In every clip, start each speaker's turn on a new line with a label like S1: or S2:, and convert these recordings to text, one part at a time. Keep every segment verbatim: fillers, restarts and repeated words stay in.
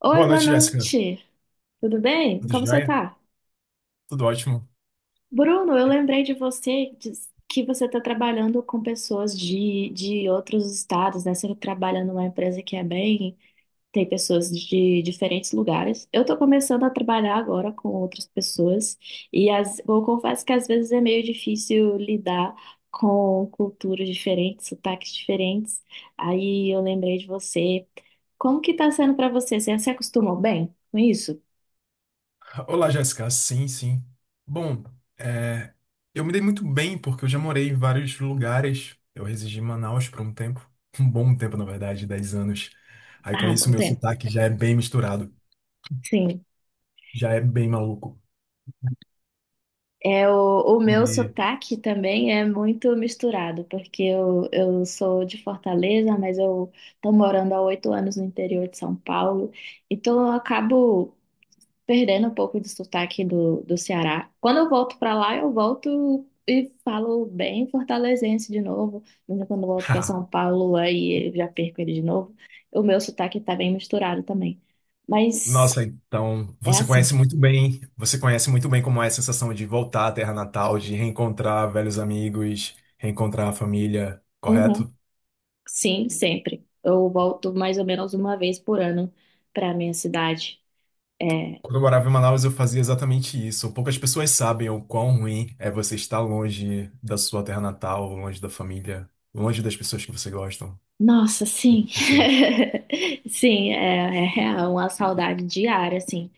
S1: Oi,
S2: Boa
S1: boa
S2: noite, Jéssica.
S1: noite. Tudo bem?
S2: Tudo
S1: Como você
S2: jóia?
S1: tá?
S2: Tudo ótimo.
S1: Bruno, eu lembrei de você diz- que você está trabalhando com pessoas de, de outros estados, né? Você trabalha numa empresa que é bem, tem pessoas de diferentes lugares. Eu estou começando a trabalhar agora com outras pessoas e as, eu confesso que às vezes é meio difícil lidar com culturas diferentes, sotaques diferentes. Aí eu lembrei de você. Como que tá sendo para você? Você se acostumou bem com isso?
S2: Olá, Jéssica. Sim, sim. Bom, é, eu me dei muito bem porque eu já morei em vários lugares. Eu residi em Manaus por um tempo, um bom tempo, na verdade, dez anos. Aí com
S1: Ah,
S2: isso,
S1: bom
S2: meu
S1: tempo.
S2: sotaque já é bem misturado,
S1: Sim,
S2: já é bem maluco.
S1: é o, o meu
S2: E.
S1: sotaque também é muito misturado, porque eu, eu sou de Fortaleza, mas eu estou morando há oito anos no interior de São Paulo, então eu acabo perdendo um pouco do sotaque do, do Ceará. Quando eu volto para lá, eu volto e falo bem fortalezense de novo, mas quando eu volto para São Paulo, aí eu já perco ele de novo. O meu sotaque está bem misturado também, mas
S2: Nossa, então
S1: é
S2: você
S1: assim.
S2: conhece muito bem, você conhece muito bem como é a sensação de voltar à terra natal, de reencontrar velhos amigos, reencontrar a família,
S1: Uhum.
S2: correto?
S1: Sim, sempre. Eu volto mais ou menos uma vez por ano para minha cidade. É,
S2: Quando eu morava em Manaus, eu fazia exatamente isso. Poucas pessoas sabem o quão ruim é você estar longe da sua terra natal, longe da família, longe das pessoas que você gosta.
S1: nossa, sim.
S2: Pessoas.
S1: Sim, é, é real, uma saudade diária, assim.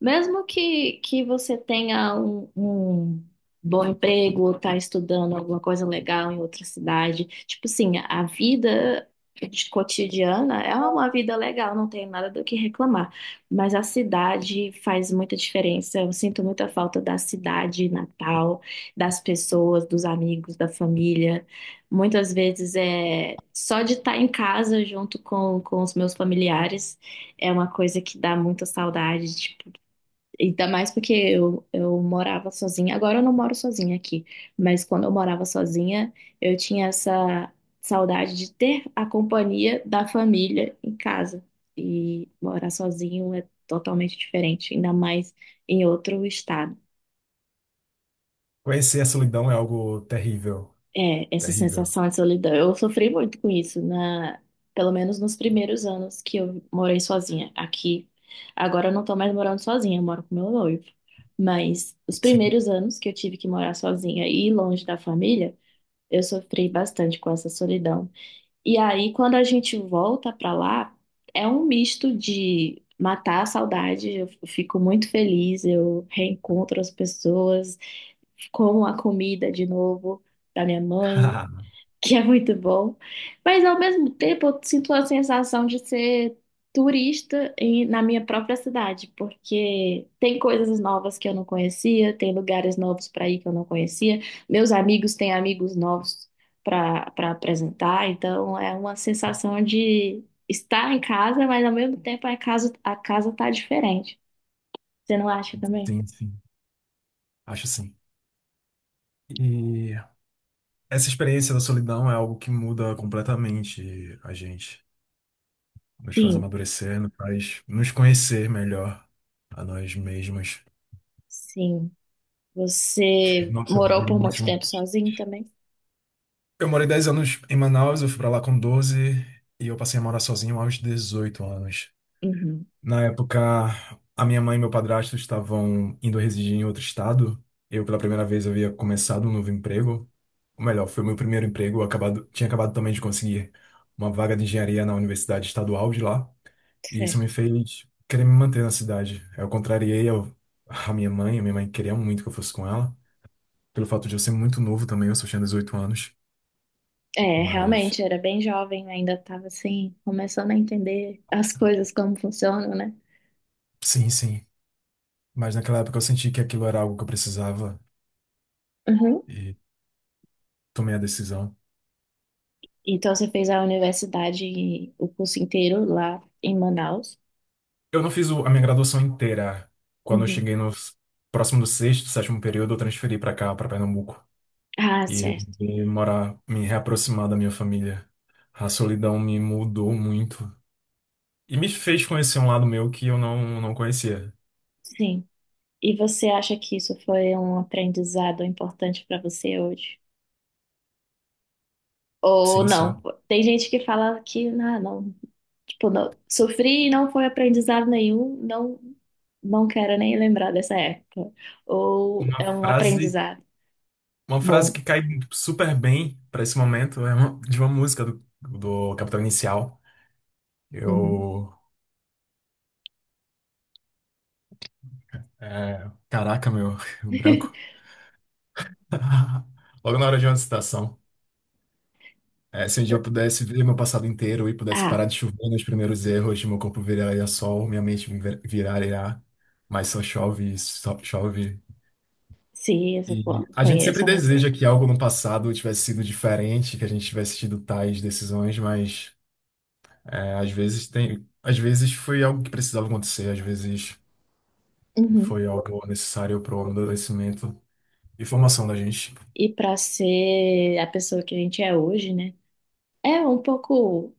S1: Mesmo que, que você tenha um, um bom emprego ou tá estudando alguma coisa legal em outra cidade, tipo assim, a vida de- cotidiana é uma vida legal, não tem nada do que reclamar. Mas a cidade faz muita diferença. Eu sinto muita falta da cidade natal, das pessoas, dos amigos, da família. Muitas vezes é só de estar em casa junto com, com os meus familiares é uma coisa que dá muita saudade, tipo, ainda mais porque eu, eu morava sozinha. Agora eu não moro sozinha aqui, mas quando eu morava sozinha, eu tinha essa saudade de ter a companhia da família em casa. E morar sozinho é totalmente diferente, ainda mais em outro estado.
S2: Conhecer a solidão é algo terrível.
S1: É, essa
S2: Terrível.
S1: sensação de solidão. Eu sofri muito com isso, na, pelo menos nos primeiros anos que eu morei sozinha aqui. Agora eu não tô mais morando sozinha, eu moro com meu noivo. Mas os
S2: Sim.
S1: primeiros anos que eu tive que morar sozinha e longe da família, eu sofri bastante com essa solidão. E aí, quando a gente volta pra lá, é um misto de matar a saudade, eu fico muito feliz, eu reencontro as pessoas, como a comida de novo da minha mãe que é muito bom, mas ao mesmo tempo eu sinto a sensação de ser turista em- na minha própria cidade, porque tem coisas novas que eu não conhecia, tem lugares novos para ir que eu não conhecia, meus amigos têm amigos novos para para apresentar, então é uma sensação de estar em casa, mas ao mesmo tempo a casa a casa tá diferente. Você não acha também?
S2: Sim, sim. Acho sim. E essa experiência da solidão é algo que muda completamente a gente. Nos faz
S1: Sim,
S2: amadurecer, nos faz nos conhecer melhor a nós mesmos.
S1: sim. Você
S2: Nossa, eu
S1: morou
S2: vivi
S1: por
S2: muitos.
S1: muito tempo sozinho também?
S2: Eu morei dez anos em Manaus, eu fui pra lá com doze e eu passei a morar sozinho aos dezoito anos.
S1: Uhum.
S2: Na época, a minha mãe e meu padrasto estavam indo residir em outro estado. Eu, pela primeira vez, havia começado um novo emprego. Ou melhor, foi o meu primeiro emprego. Eu Acabado, tinha acabado também de conseguir uma vaga de engenharia na Universidade Estadual de lá. E isso me
S1: Certo.
S2: fez querer me manter na cidade. Eu contrariei ao- a minha mãe. A minha mãe queria muito que eu fosse com ela. Pelo fato de eu ser muito novo também, eu só tinha dezoito anos.
S1: É,
S2: Mas...
S1: realmente, era bem jovem, ainda estava assim, começando a entender as coisas como funcionam, né?
S2: Sim, sim. Mas naquela época eu senti que aquilo era algo que eu precisava
S1: Uhum.
S2: e tomei a decisão.
S1: Então você fez a universidade, o curso inteiro lá em Manaus?
S2: Eu não fiz o- A minha graduação inteira, quando eu
S1: Uhum.
S2: cheguei no s- próximo do sexto, sétimo período, eu transferi para cá, para Pernambuco.
S1: Ah,
S2: E
S1: certo.
S2: resolvi morar, me reaproximar da minha família. A solidão me mudou muito. E me fez conhecer um lado meu que eu não, não conhecia.
S1: Sim. E você acha que isso foi um aprendizado importante para você hoje? Ou
S2: Sim,
S1: não?
S2: sim.
S1: Tem gente que fala que, ah, não, tipo, não, sofri e não foi aprendizado nenhum, não, não quero nem lembrar dessa época. Ou
S2: Uma
S1: é um
S2: frase,
S1: aprendizado
S2: uma frase
S1: bom.
S2: que cai super bem para esse momento é uma- de uma música do, do Capital Inicial.
S1: Uhum.
S2: Eu é, caraca, meu, o branco. Logo na hora de uma citação. É, se um dia eu pudesse ver meu passado inteiro e pudesse
S1: Ah,
S2: parar de chover nos primeiros erros, meu corpo viraria sol, minha mente vir- viraria, mas só chove, só chove.
S1: sim, essa, pô,
S2: E a gente sempre
S1: conheço a música.
S2: deseja que algo no passado tivesse sido diferente, que a gente tivesse tido tais decisões, mas é, às vezes tem, às vezes foi algo que precisava acontecer, às vezes
S1: Uhum.
S2: foi algo necessário para o amadurecimento e formação da gente.
S1: E pra ser a pessoa que a gente é hoje, né? É um pouco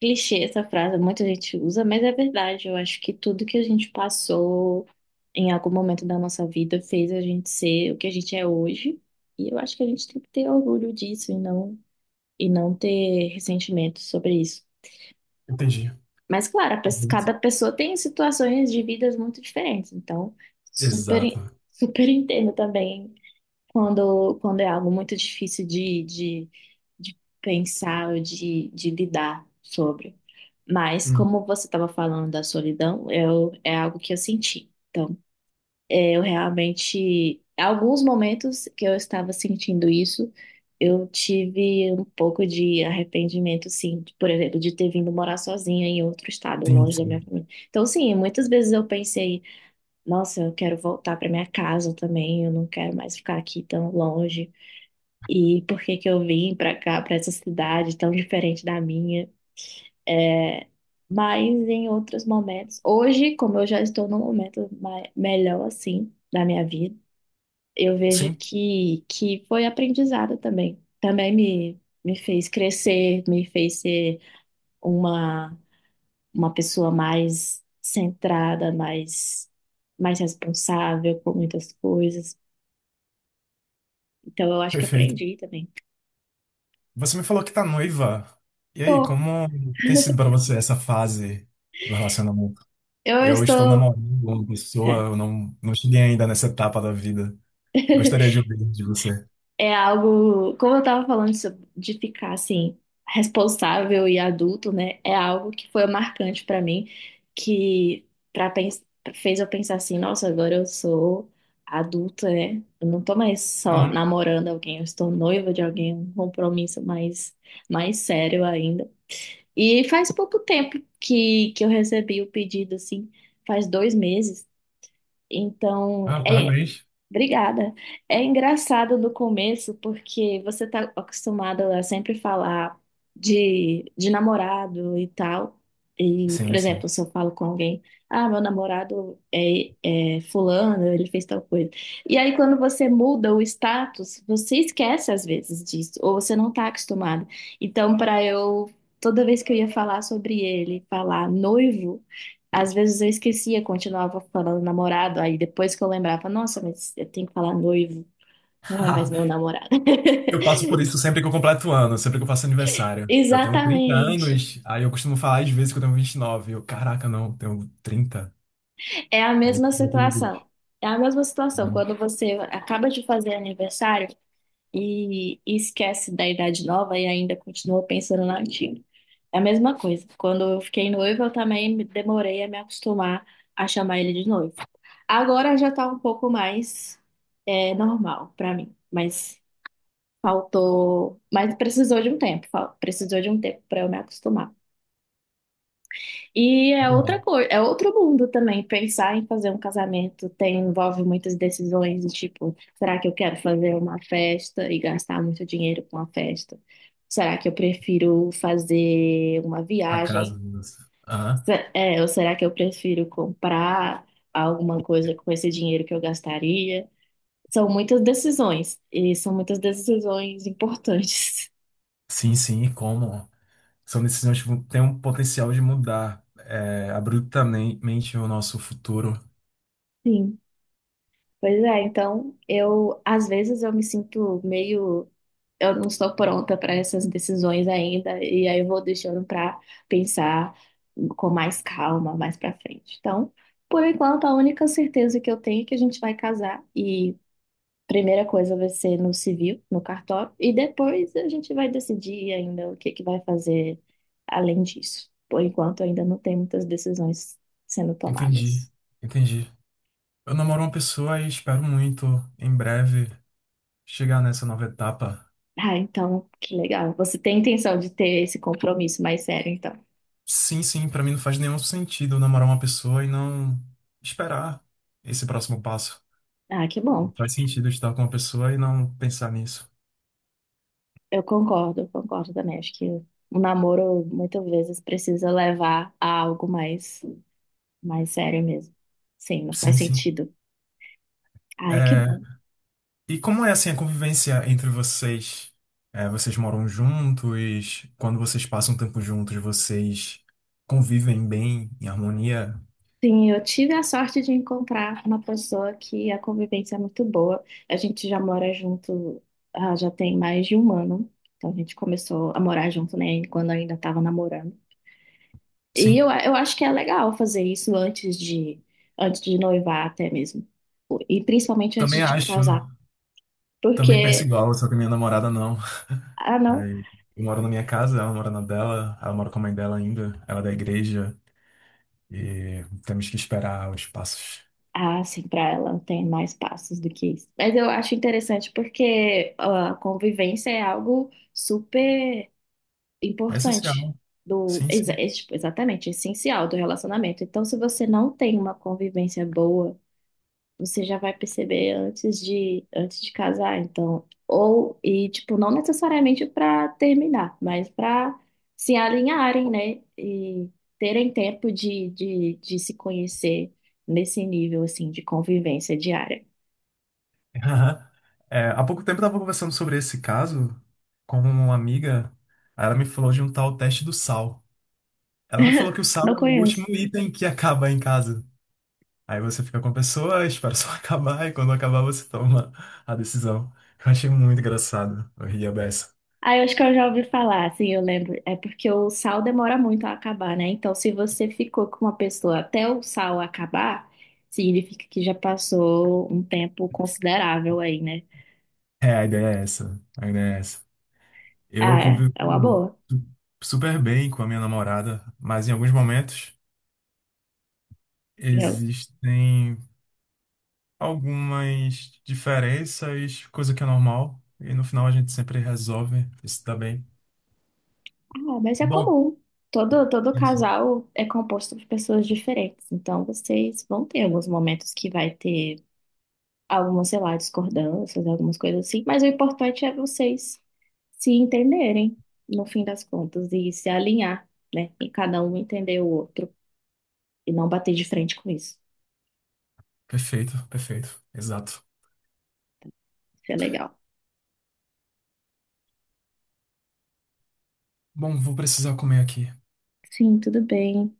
S1: clichê essa frase, muita gente usa, mas é verdade. Eu acho que tudo que a gente passou em algum momento da nossa vida fez a gente ser o que a gente é hoje. E eu acho que a gente tem que ter orgulho disso e não, e não ter ressentimento sobre isso.
S2: Entendi.
S1: Mas, claro, a pes- cada pessoa tem situações de vidas muito diferentes, então super,
S2: Exato.
S1: super entendo também quando, quando é algo muito difícil de, de, de pensar ou de, de lidar sobre. Mas,
S2: Hum.
S1: como você estava falando da solidão, eu, é algo que eu senti. Então eu realmente, alguns momentos que eu estava sentindo isso, eu tive um pouco de arrependimento, sim, de, por exemplo, de ter vindo morar sozinha em outro estado,
S2: Sim,
S1: longe da
S2: sim.
S1: minha família. Então, sim, muitas vezes eu pensei, nossa, eu quero voltar para minha casa também, eu não quero mais ficar aqui tão longe. E por que que eu vim para cá, para essa cidade tão diferente da minha? É, mas em outros momentos, hoje, como eu já estou num momento mai- melhor assim da minha vida, eu vejo
S2: Sim,
S1: que, que foi aprendizado também. Também me, me fez crescer, me fez ser uma, uma pessoa mais centrada, mais, mais responsável por muitas coisas. Então, eu acho que
S2: perfeito.
S1: aprendi também.
S2: Você me falou que tá noiva. E aí,
S1: Bom,
S2: como tem sido para você essa fase do relacionamento?
S1: eu
S2: Eu estou
S1: estou.
S2: namorando uma
S1: É.
S2: pessoa, eu não, não cheguei ainda nessa etapa da vida. Gostaria de ouvir de você.
S1: É algo, como eu estava falando sobre- de ficar assim, responsável e adulto, né? É algo que foi marcante para mim, que para fez eu pensar assim, nossa, agora eu sou adulta, né? Eu não tô mais só
S2: Uhum.
S1: namorando alguém, eu estou noiva de alguém, um compromisso mais mais sério ainda. E faz pouco tempo que que eu recebi o pedido assim, faz dois meses então,
S2: Ah,
S1: é.
S2: parabéns.
S1: Obrigada. É engraçado no começo, porque você está acostumado a sempre falar de, de namorado e tal. E, por
S2: Sim,
S1: exemplo,
S2: sim.
S1: se eu falo com alguém, ah, meu namorado é, é fulano, ele fez tal coisa. E aí, quando você muda o status, você esquece às vezes disso, ou você não está acostumado. Então, para eu, toda vez que eu ia falar sobre ele, falar noivo. Às vezes eu esquecia, continuava falando namorado, aí depois que eu lembrava, nossa, mas eu tenho que falar noivo, não é mais meu namorado.
S2: Eu passo por isso sempre que eu completo ano, sempre que eu faço aniversário. Eu tenho trinta
S1: Exatamente.
S2: anos, aí eu costumo falar às vezes que eu tenho vinte e nove. Eu, caraca, não, tenho trinta.
S1: É a
S2: Aí,
S1: mesma
S2: eu tenho
S1: situação.
S2: vinte.
S1: É a mesma situação
S2: Uhum.
S1: quando você acaba de fazer aniversário e e esquece da idade nova e ainda continua pensando na antiga. É a mesma coisa. Quando eu fiquei noiva, eu também me- demorei a me acostumar a chamar ele de noivo. Agora já tá um pouco mais é, normal pra mim, mas Faltou, mas precisou de um tempo, fal- precisou de um tempo para eu me acostumar. E é outra
S2: Entendi.
S1: coisa, é outro mundo também. Pensar em fazer um casamento tem, envolve muitas decisões, do tipo, será que eu quero fazer uma festa e gastar muito dinheiro com a festa? Será que eu prefiro fazer uma
S2: A casa.
S1: viagem?
S2: Nossa. Aham.
S1: Se- É, ou será que eu prefiro comprar alguma coisa com esse dinheiro que eu gastaria? São muitas decisões, e são muitas decisões importantes.
S2: Sim, sim, e como? São decisões que vão- têm um potencial de mudar é, abruptamente o nosso futuro.
S1: Sim. Pois é, então eu às vezes eu me sinto meio eu não estou pronta para essas decisões ainda e aí eu vou deixando para pensar com mais calma mais para frente. Então, por enquanto a única certeza que eu tenho é que a gente vai casar e primeira coisa vai ser no civil, no cartório e depois a gente vai decidir ainda o que que vai fazer além disso. Por enquanto ainda não tem muitas decisões sendo
S2: Entendi,
S1: tomadas.
S2: entendi. Eu namoro uma pessoa e espero muito, em breve, chegar nessa nova etapa.
S1: Ah, então, que legal. Você tem intenção de ter esse compromisso mais sério, então.
S2: Sim, sim, pra mim não faz nenhum sentido eu namorar uma pessoa e não esperar esse próximo passo.
S1: Ah, que
S2: Não
S1: bom.
S2: faz sentido eu estar com uma pessoa e não pensar nisso.
S1: Eu concordo, eu concordo também. Acho que o namoro muitas vezes precisa levar a algo mais, mais sério mesmo. Sim, não faz
S2: Sim, sim.
S1: sentido. Ai, que
S2: É,
S1: bom.
S2: e como é assim a convivência entre vocês? É, vocês moram juntos? Quando vocês passam tempo juntos, vocês convivem bem, em harmonia?
S1: Sim, eu tive a sorte de encontrar uma pessoa que a convivência é muito boa. A gente já mora junto, ah, já tem mais de um ano. Então a gente começou a morar junto, né, quando eu ainda estava namorando. E eu,
S2: Sim,
S1: eu acho que é legal fazer isso antes de, antes de noivar até mesmo. E principalmente
S2: também
S1: antes de
S2: acho.
S1: casar.
S2: Também penso
S1: Porque,
S2: igual, só que minha namorada não.
S1: ah, não.
S2: Aí, eu moro na minha casa, ela mora na dela, ela mora com a mãe dela ainda, ela é da igreja, e temos que esperar os passos.
S1: Ah, sim, para ela não tem mais passos do que isso. Mas eu acho interessante porque a convivência é algo super
S2: É
S1: importante
S2: essencial.
S1: do,
S2: Sim,
S1: exa-
S2: sim.
S1: é, tipo, exatamente, essencial do relacionamento. Então, se você não tem uma convivência boa você já vai perceber antes de antes de casar, então, ou e tipo, não necessariamente para terminar, mas para se alinharem, né, e terem tempo de, de, de se conhecer nesse nível assim de convivência diária.
S2: Aham. É, há pouco tempo eu estava conversando sobre esse caso com uma amiga. Aí ela me falou de um tal teste do sal. Ela me falou que o sal
S1: Não
S2: é o
S1: conheço.
S2: último item que acaba em casa. Aí você fica com a pessoa, espera só acabar, e quando acabar você toma a decisão. Eu achei muito engraçado. Eu ria beça.
S1: Ah, eu acho que eu já ouvi falar, assim, eu lembro. É porque o sal demora muito a acabar, né? Então, se você ficou com uma pessoa até o sal acabar, significa que já passou um tempo considerável aí, né?
S2: É, a ideia é essa. A ideia é essa. Eu
S1: Ah, é, é uma
S2: convivo
S1: boa.
S2: su- super bem com a minha namorada, mas em alguns momentos
S1: E eu,
S2: existem algumas diferenças, coisa que é normal, e no final a gente sempre resolve isso tá bem.
S1: ah, mas é
S2: Bom,
S1: comum. Todo, todo
S2: sim, sim.
S1: casal é composto por pessoas diferentes. Então, vocês vão ter alguns momentos que vai ter algumas, sei lá, discordâncias, algumas coisas assim. Mas o importante é vocês se entenderem, no fim das contas, e se alinhar, né? E cada um entender o outro e não bater de frente com isso.
S2: Perfeito, perfeito, exato.
S1: Isso é legal.
S2: Bom, vou precisar comer aqui.
S1: Sim, tudo bem.